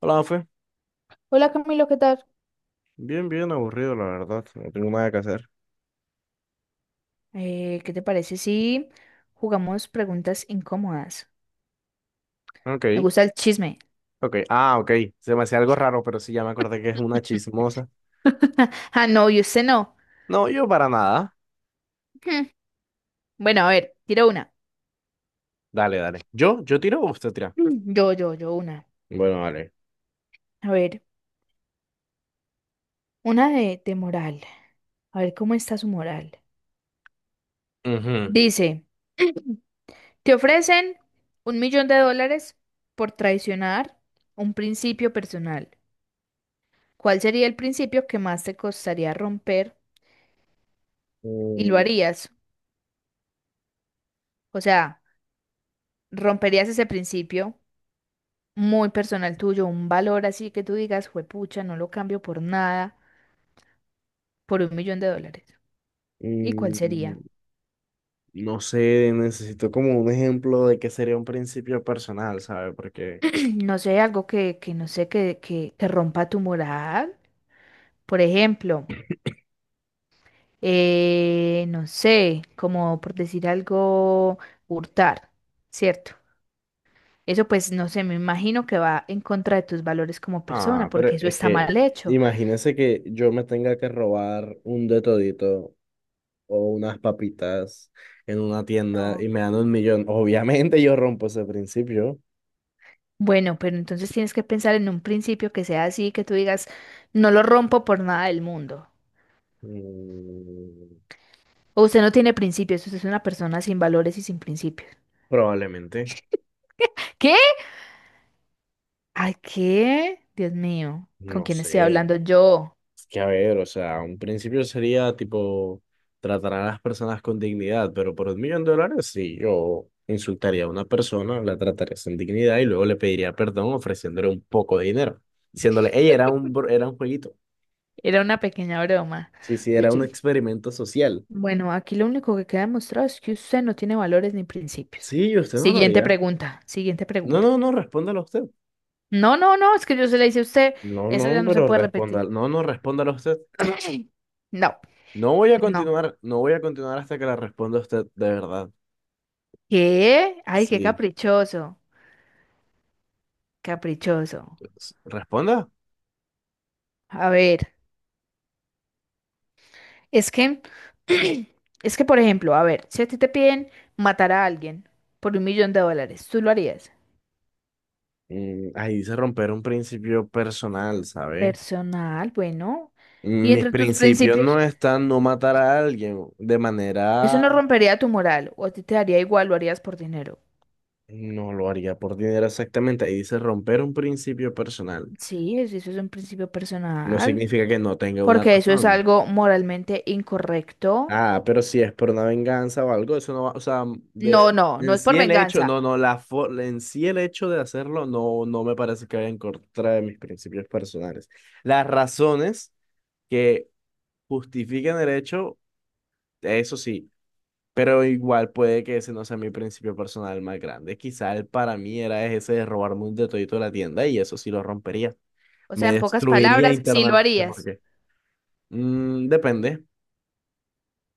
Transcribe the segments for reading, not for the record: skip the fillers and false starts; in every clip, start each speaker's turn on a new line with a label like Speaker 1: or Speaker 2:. Speaker 1: Hola, Mafe.
Speaker 2: Hola, Camilo, ¿qué tal?
Speaker 1: Bien, bien aburrido, la verdad. No tengo nada que hacer.
Speaker 2: ¿Qué te parece si jugamos preguntas incómodas? Me
Speaker 1: Ok,
Speaker 2: gusta el chisme.
Speaker 1: ok. Ah, ok. Se me hacía algo raro, pero sí, ya me acordé que es una chismosa.
Speaker 2: Ah, no, y usted no.
Speaker 1: No, yo para nada.
Speaker 2: Hmm, Bueno, a ver, tiro una.
Speaker 1: Dale, dale. ¿Yo? ¿Yo tiro o usted tira?
Speaker 2: Yo, una.
Speaker 1: Bueno, vale.
Speaker 2: A ver, una de moral. A ver, ¿cómo está su moral?
Speaker 1: Ujú.
Speaker 2: Dice, te ofrecen 1.000.000 de dólares por traicionar un principio personal. ¿Cuál sería el principio que más te costaría romper y lo
Speaker 1: Mm,
Speaker 2: harías? O sea, ¿romperías ese principio muy personal tuyo, un valor así que tú digas, juepucha, no lo cambio por nada, por 1.000.000 de dólares? ¿Y cuál
Speaker 1: mm,
Speaker 2: sería?
Speaker 1: No sé, necesito como un ejemplo de qué sería un principio personal, ¿sabe?
Speaker 2: No sé, algo que no sé, que rompa tu moral. Por ejemplo, no sé, como por decir algo, hurtar, ¿cierto? Eso pues, no sé, me imagino que va en contra de tus valores como
Speaker 1: Ah,
Speaker 2: persona,
Speaker 1: pero
Speaker 2: porque eso
Speaker 1: es
Speaker 2: está
Speaker 1: que
Speaker 2: mal hecho.
Speaker 1: imagínese que yo me tenga que robar un de todito o unas papitas en una tienda
Speaker 2: No.
Speaker 1: y me dan un millón, obviamente yo rompo ese principio.
Speaker 2: Bueno, pero entonces tienes que pensar en un principio que sea así, que tú digas, no lo rompo por nada del mundo.
Speaker 1: Mm,
Speaker 2: O usted no tiene principios, usted es una persona sin valores y sin principios.
Speaker 1: Probablemente,
Speaker 2: ¿Qué? Ay, ¿qué? Dios mío, ¿con
Speaker 1: no
Speaker 2: quién estoy
Speaker 1: sé.
Speaker 2: hablando yo?
Speaker 1: Es que a ver, o sea, un principio sería tipo tratar a las personas con dignidad, pero por un millón de dólares sí, yo insultaría a una persona, la trataría sin dignidad y luego le pediría perdón ofreciéndole un poco de dinero, diciéndole, hey, era un jueguito.
Speaker 2: Era una pequeña broma.
Speaker 1: Sí, sí, era un experimento social.
Speaker 2: Bueno, aquí lo único que queda demostrado es que usted no tiene valores ni principios.
Speaker 1: Sí, usted no lo
Speaker 2: Siguiente
Speaker 1: haría.
Speaker 2: pregunta, siguiente
Speaker 1: No,
Speaker 2: pregunta.
Speaker 1: no, no, respóndalo usted.
Speaker 2: No, no, no, es que yo se le hice a usted,
Speaker 1: No,
Speaker 2: eso
Speaker 1: no,
Speaker 2: ya no se
Speaker 1: pero
Speaker 2: puede
Speaker 1: responda.
Speaker 2: repetir.
Speaker 1: No, no, respóndalo usted.
Speaker 2: No, no.
Speaker 1: No voy a continuar hasta que la responda usted, de verdad.
Speaker 2: ¿Qué? Ay, qué
Speaker 1: Sí.
Speaker 2: caprichoso, caprichoso.
Speaker 1: Responda.
Speaker 2: A ver. Es que, es que, por ejemplo, a ver, si a ti te piden matar a alguien por 1.000.000 de dólares, ¿tú lo harías?
Speaker 1: Ahí dice romper un principio personal, ¿sabe?
Speaker 2: Personal, bueno. Y
Speaker 1: Mis
Speaker 2: entre tus
Speaker 1: principios no
Speaker 2: principios,
Speaker 1: están no matar a alguien de
Speaker 2: eso
Speaker 1: manera...
Speaker 2: no rompería tu moral, o a ti te daría igual, lo harías por dinero.
Speaker 1: No lo haría por dinero exactamente. Ahí dice romper un principio personal.
Speaker 2: Sí, eso es un principio
Speaker 1: No
Speaker 2: personal,
Speaker 1: significa que no tenga una
Speaker 2: porque eso es
Speaker 1: razón.
Speaker 2: algo moralmente incorrecto.
Speaker 1: Ah, pero si es por una venganza o algo, eso no va, o sea, de,
Speaker 2: No, no, no
Speaker 1: en
Speaker 2: es
Speaker 1: sí
Speaker 2: por
Speaker 1: el hecho,
Speaker 2: venganza.
Speaker 1: no, no, la fo- en sí el hecho de hacerlo no, no me parece que vaya en contra de mis principios personales. Las razones que justifiquen el hecho, eso sí, pero igual puede que ese no sea mi principio personal más grande. Quizá el para mí era ese de robarme un detallito de la tienda y eso sí lo rompería.
Speaker 2: O
Speaker 1: Me
Speaker 2: sea, en pocas
Speaker 1: destruiría
Speaker 2: palabras, sí lo
Speaker 1: internamente
Speaker 2: harías.
Speaker 1: porque depende.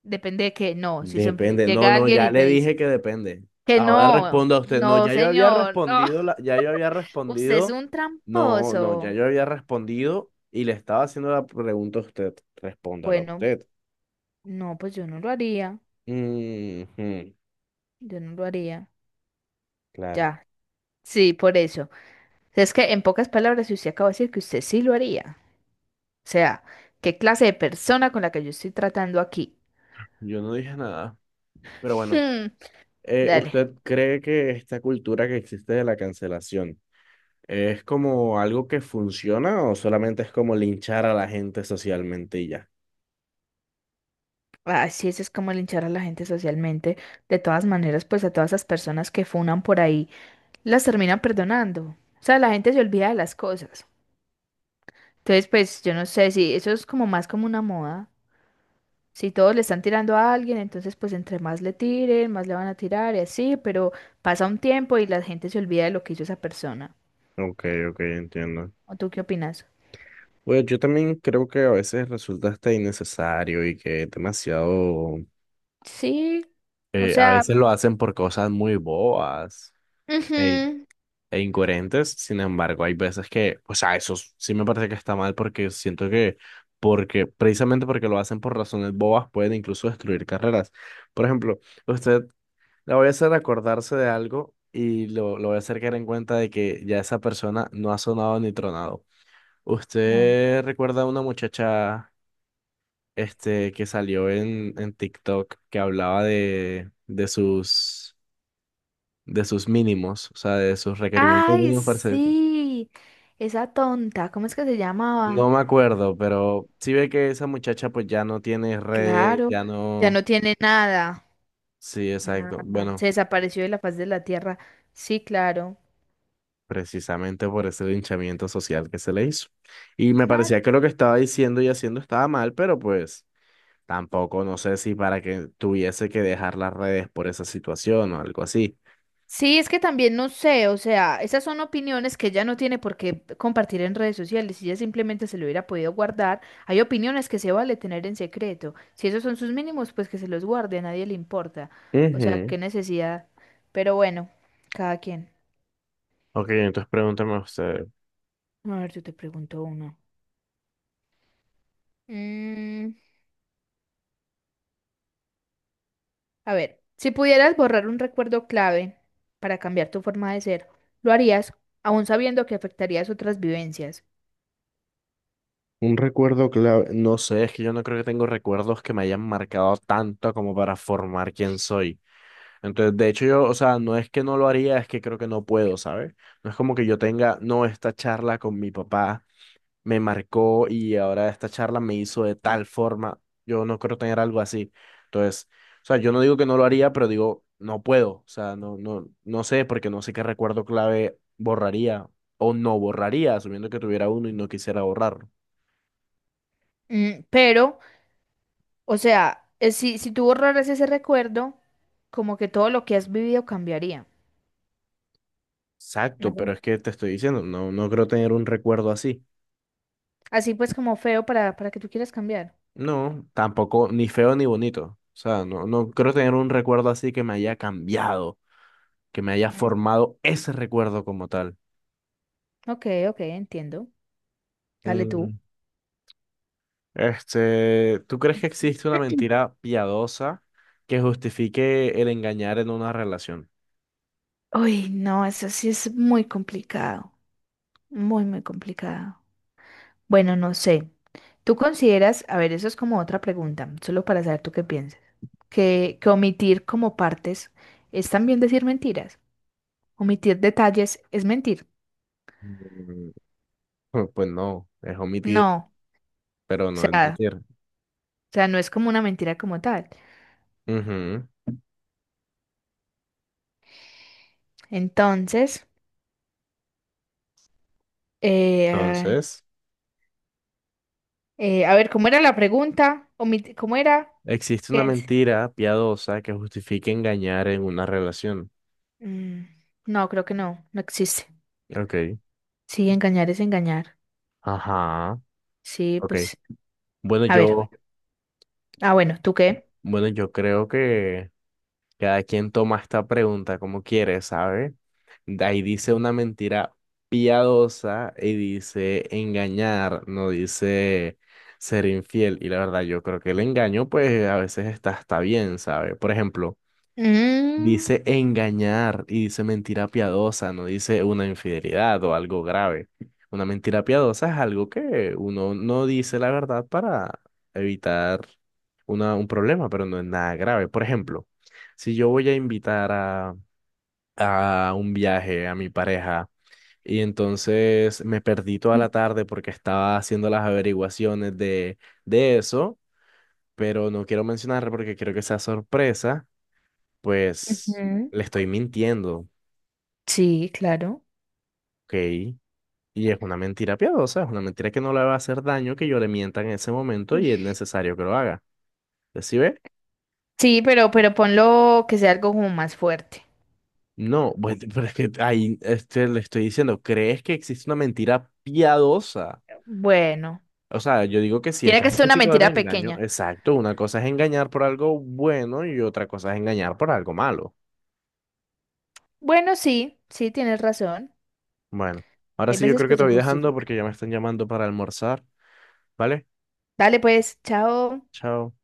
Speaker 2: Depende de que no, si
Speaker 1: Depende. No,
Speaker 2: llega
Speaker 1: no,
Speaker 2: alguien y
Speaker 1: ya le
Speaker 2: te dice
Speaker 1: dije que depende.
Speaker 2: que
Speaker 1: Ahora
Speaker 2: no,
Speaker 1: responda a usted. No,
Speaker 2: no,
Speaker 1: ya yo había
Speaker 2: señor, no.
Speaker 1: respondido, la- Ya yo había
Speaker 2: Usted es
Speaker 1: respondido.
Speaker 2: un
Speaker 1: No, no, ya
Speaker 2: tramposo.
Speaker 1: yo había respondido y le estaba haciendo la pregunta a usted. Respóndala
Speaker 2: Bueno,
Speaker 1: usted.
Speaker 2: no, pues yo no lo haría.
Speaker 1: Ujú,
Speaker 2: Yo no lo haría.
Speaker 1: claro.
Speaker 2: Ya, sí, por eso. Es que en pocas palabras, si usted acaba de decir que usted sí lo haría. O sea, ¿qué clase de persona con la que yo estoy tratando aquí?
Speaker 1: Yo no dije nada. Pero bueno,
Speaker 2: Hmm. Dale.
Speaker 1: ¿usted cree que esta cultura que existe de la cancelación es como algo que funciona o solamente es como linchar a la gente socialmente y ya?
Speaker 2: Así eso es como linchar a la gente socialmente. De todas maneras, pues a todas esas personas que funan por ahí, las terminan perdonando. O sea, la gente se olvida de las cosas. Entonces, pues yo no sé si eso es como más como una moda. Si todos le están tirando a alguien, entonces pues entre más le tiren, más le van a tirar y así, pero pasa un tiempo y la gente se olvida de lo que hizo esa persona.
Speaker 1: Ok, ok, entiendo.
Speaker 2: ¿O tú qué opinas?
Speaker 1: Bueno, yo también creo que a veces resulta hasta innecesario y que es demasiado,
Speaker 2: Sí, o
Speaker 1: a
Speaker 2: sea,
Speaker 1: veces lo hacen por cosas muy bobas e,
Speaker 2: ujú.
Speaker 1: e incoherentes. Sin embargo, hay veces que, o sea, sí me parece que está mal porque porque precisamente porque lo hacen por razones bobas pueden incluso destruir carreras. Por ejemplo, usted la voy a hacer acordarse de algo y lo voy a hacer caer en cuenta de que ya esa persona no ha sonado ni tronado.
Speaker 2: A ver.
Speaker 1: ¿Usted recuerda a una muchacha? Este, que salió en TikTok que hablaba de sus mínimos, o sea, de sus requerimientos
Speaker 2: Ay,
Speaker 1: mínimos para ser...
Speaker 2: sí, esa tonta, ¿cómo es que se
Speaker 1: No
Speaker 2: llamaba?
Speaker 1: me acuerdo, pero sí ve que esa muchacha pues ya no tiene redes,
Speaker 2: Claro,
Speaker 1: ya
Speaker 2: ya
Speaker 1: no...
Speaker 2: no tiene nada.
Speaker 1: Sí, exacto.
Speaker 2: Nada, se
Speaker 1: Bueno,
Speaker 2: desapareció de la faz de la tierra. Sí, claro.
Speaker 1: precisamente por ese linchamiento social que se le hizo. Y me
Speaker 2: Claro.
Speaker 1: parecía que lo que estaba diciendo y haciendo estaba mal, pero pues... Tampoco no sé si para que tuviese que dejar las redes por esa situación o algo así.
Speaker 2: Sí, es que también no sé, o sea, esas son opiniones que ella no tiene por qué compartir en redes sociales, si ella simplemente se lo hubiera podido guardar. Hay opiniones que se vale tener en secreto. Si esos son sus mínimos, pues que se los guarde, a nadie le importa. O sea,
Speaker 1: Ujú.
Speaker 2: qué necesidad. Pero bueno, cada quien.
Speaker 1: Ok, entonces pregúntame usted.
Speaker 2: A ver, yo te pregunto uno. Mm, a ver, si pudieras borrar un recuerdo clave para cambiar tu forma de ser, ¿lo harías aún sabiendo que afectarías otras vivencias?
Speaker 1: Un recuerdo clave. No sé, es que yo no creo que tengo recuerdos que me hayan marcado tanto como para formar quién soy. Entonces, de hecho, yo, o sea, no es que no lo haría, es que creo que no puedo, ¿sabes? No es como que yo tenga, no, esta charla con mi papá me marcó y ahora esta charla me hizo de tal forma, yo no creo tener algo así. Entonces, o sea, yo no digo que no lo haría, pero digo, no puedo, o sea, no sé, porque no sé qué recuerdo clave borraría o no borraría, asumiendo que tuviera uno y no quisiera borrarlo.
Speaker 2: Pero, o sea, si tú borraras ese recuerdo, como que todo lo que has vivido cambiaría. Ah,
Speaker 1: Exacto, pero
Speaker 2: bueno.
Speaker 1: es que te estoy diciendo, no, no creo tener un recuerdo así.
Speaker 2: Así pues como feo para que tú quieras cambiar.
Speaker 1: No, tampoco, ni feo ni bonito. O sea, no, no creo tener un recuerdo así que me haya cambiado, que me haya
Speaker 2: Mm.
Speaker 1: formado ese recuerdo como tal.
Speaker 2: Ok, ok, entiendo. Dale tú.
Speaker 1: Mm, Este, ¿tú crees que existe una mentira piadosa que justifique el engañar en una relación?
Speaker 2: Uy, no, eso sí es muy complicado. Muy, muy complicado. Bueno, no sé. ¿Tú consideras, a ver, eso es como otra pregunta, solo para saber tú qué piensas, que omitir como partes es también decir mentiras? ¿Omitir detalles es mentir?
Speaker 1: Mm, Pues pues no, es omitir,
Speaker 2: No,
Speaker 1: pero
Speaker 2: o
Speaker 1: no es
Speaker 2: sea.
Speaker 1: mentir.
Speaker 2: O sea, no es como una mentira como tal.
Speaker 1: Ujú.
Speaker 2: Entonces, eh,
Speaker 1: Entonces,
Speaker 2: a ver, ¿cómo era la pregunta? ¿Cómo era?
Speaker 1: existe
Speaker 2: ¿Qué
Speaker 1: una
Speaker 2: es?
Speaker 1: mentira piadosa que justifique engañar en una relación.
Speaker 2: Mm, no, creo que no, no existe.
Speaker 1: Ok.
Speaker 2: Sí, engañar es engañar.
Speaker 1: Ajá.
Speaker 2: Sí,
Speaker 1: Ok.
Speaker 2: pues,
Speaker 1: Bueno,
Speaker 2: a ver.
Speaker 1: yo,
Speaker 2: Ah, bueno, ¿tú qué?
Speaker 1: bueno, yo creo que cada quien toma esta pregunta como quiere, ¿sabe? De ahí dice una mentira piadosa y dice engañar, no dice ser infiel. Y la verdad, yo creo que el engaño, pues a veces está bien, ¿sabe? Por ejemplo,
Speaker 2: Mm,
Speaker 1: dice engañar y dice mentira piadosa, no dice una infidelidad o algo grave. Una mentira piadosa es algo que uno no dice la verdad para evitar un problema, pero no es nada grave. Por ejemplo, si yo voy a a un viaje a mi pareja y entonces me perdí toda la tarde porque estaba haciendo las averiguaciones de eso, pero no quiero mencionar porque quiero que sea sorpresa pues
Speaker 2: ujú.
Speaker 1: le estoy mintiendo,
Speaker 2: Sí, claro.
Speaker 1: ¿ok? Y es una mentira piadosa, es una mentira que no le va a hacer daño que yo le mienta en ese momento y es necesario que lo haga. ¿Sí ve?
Speaker 2: Sí, pero ponlo que sea algo como más fuerte.
Speaker 1: No, bueno, pero es que ahí este, le estoy diciendo, ¿crees que existe una mentira piadosa?
Speaker 2: Bueno,
Speaker 1: O sea, yo digo que sí,
Speaker 2: tiene
Speaker 1: está
Speaker 2: que ser una
Speaker 1: justificado el
Speaker 2: mentira
Speaker 1: engaño.
Speaker 2: pequeña.
Speaker 1: Exacto, una cosa es engañar por algo bueno y otra cosa es engañar por algo malo.
Speaker 2: Bueno, sí, sí, tienes razón.
Speaker 1: Bueno, ahora
Speaker 2: Hay
Speaker 1: sí yo
Speaker 2: veces
Speaker 1: creo que
Speaker 2: que
Speaker 1: te
Speaker 2: se
Speaker 1: voy dejando
Speaker 2: justifica.
Speaker 1: porque ya me están llamando para almorzar, ¿vale?
Speaker 2: Dale pues, chao.
Speaker 1: Chao.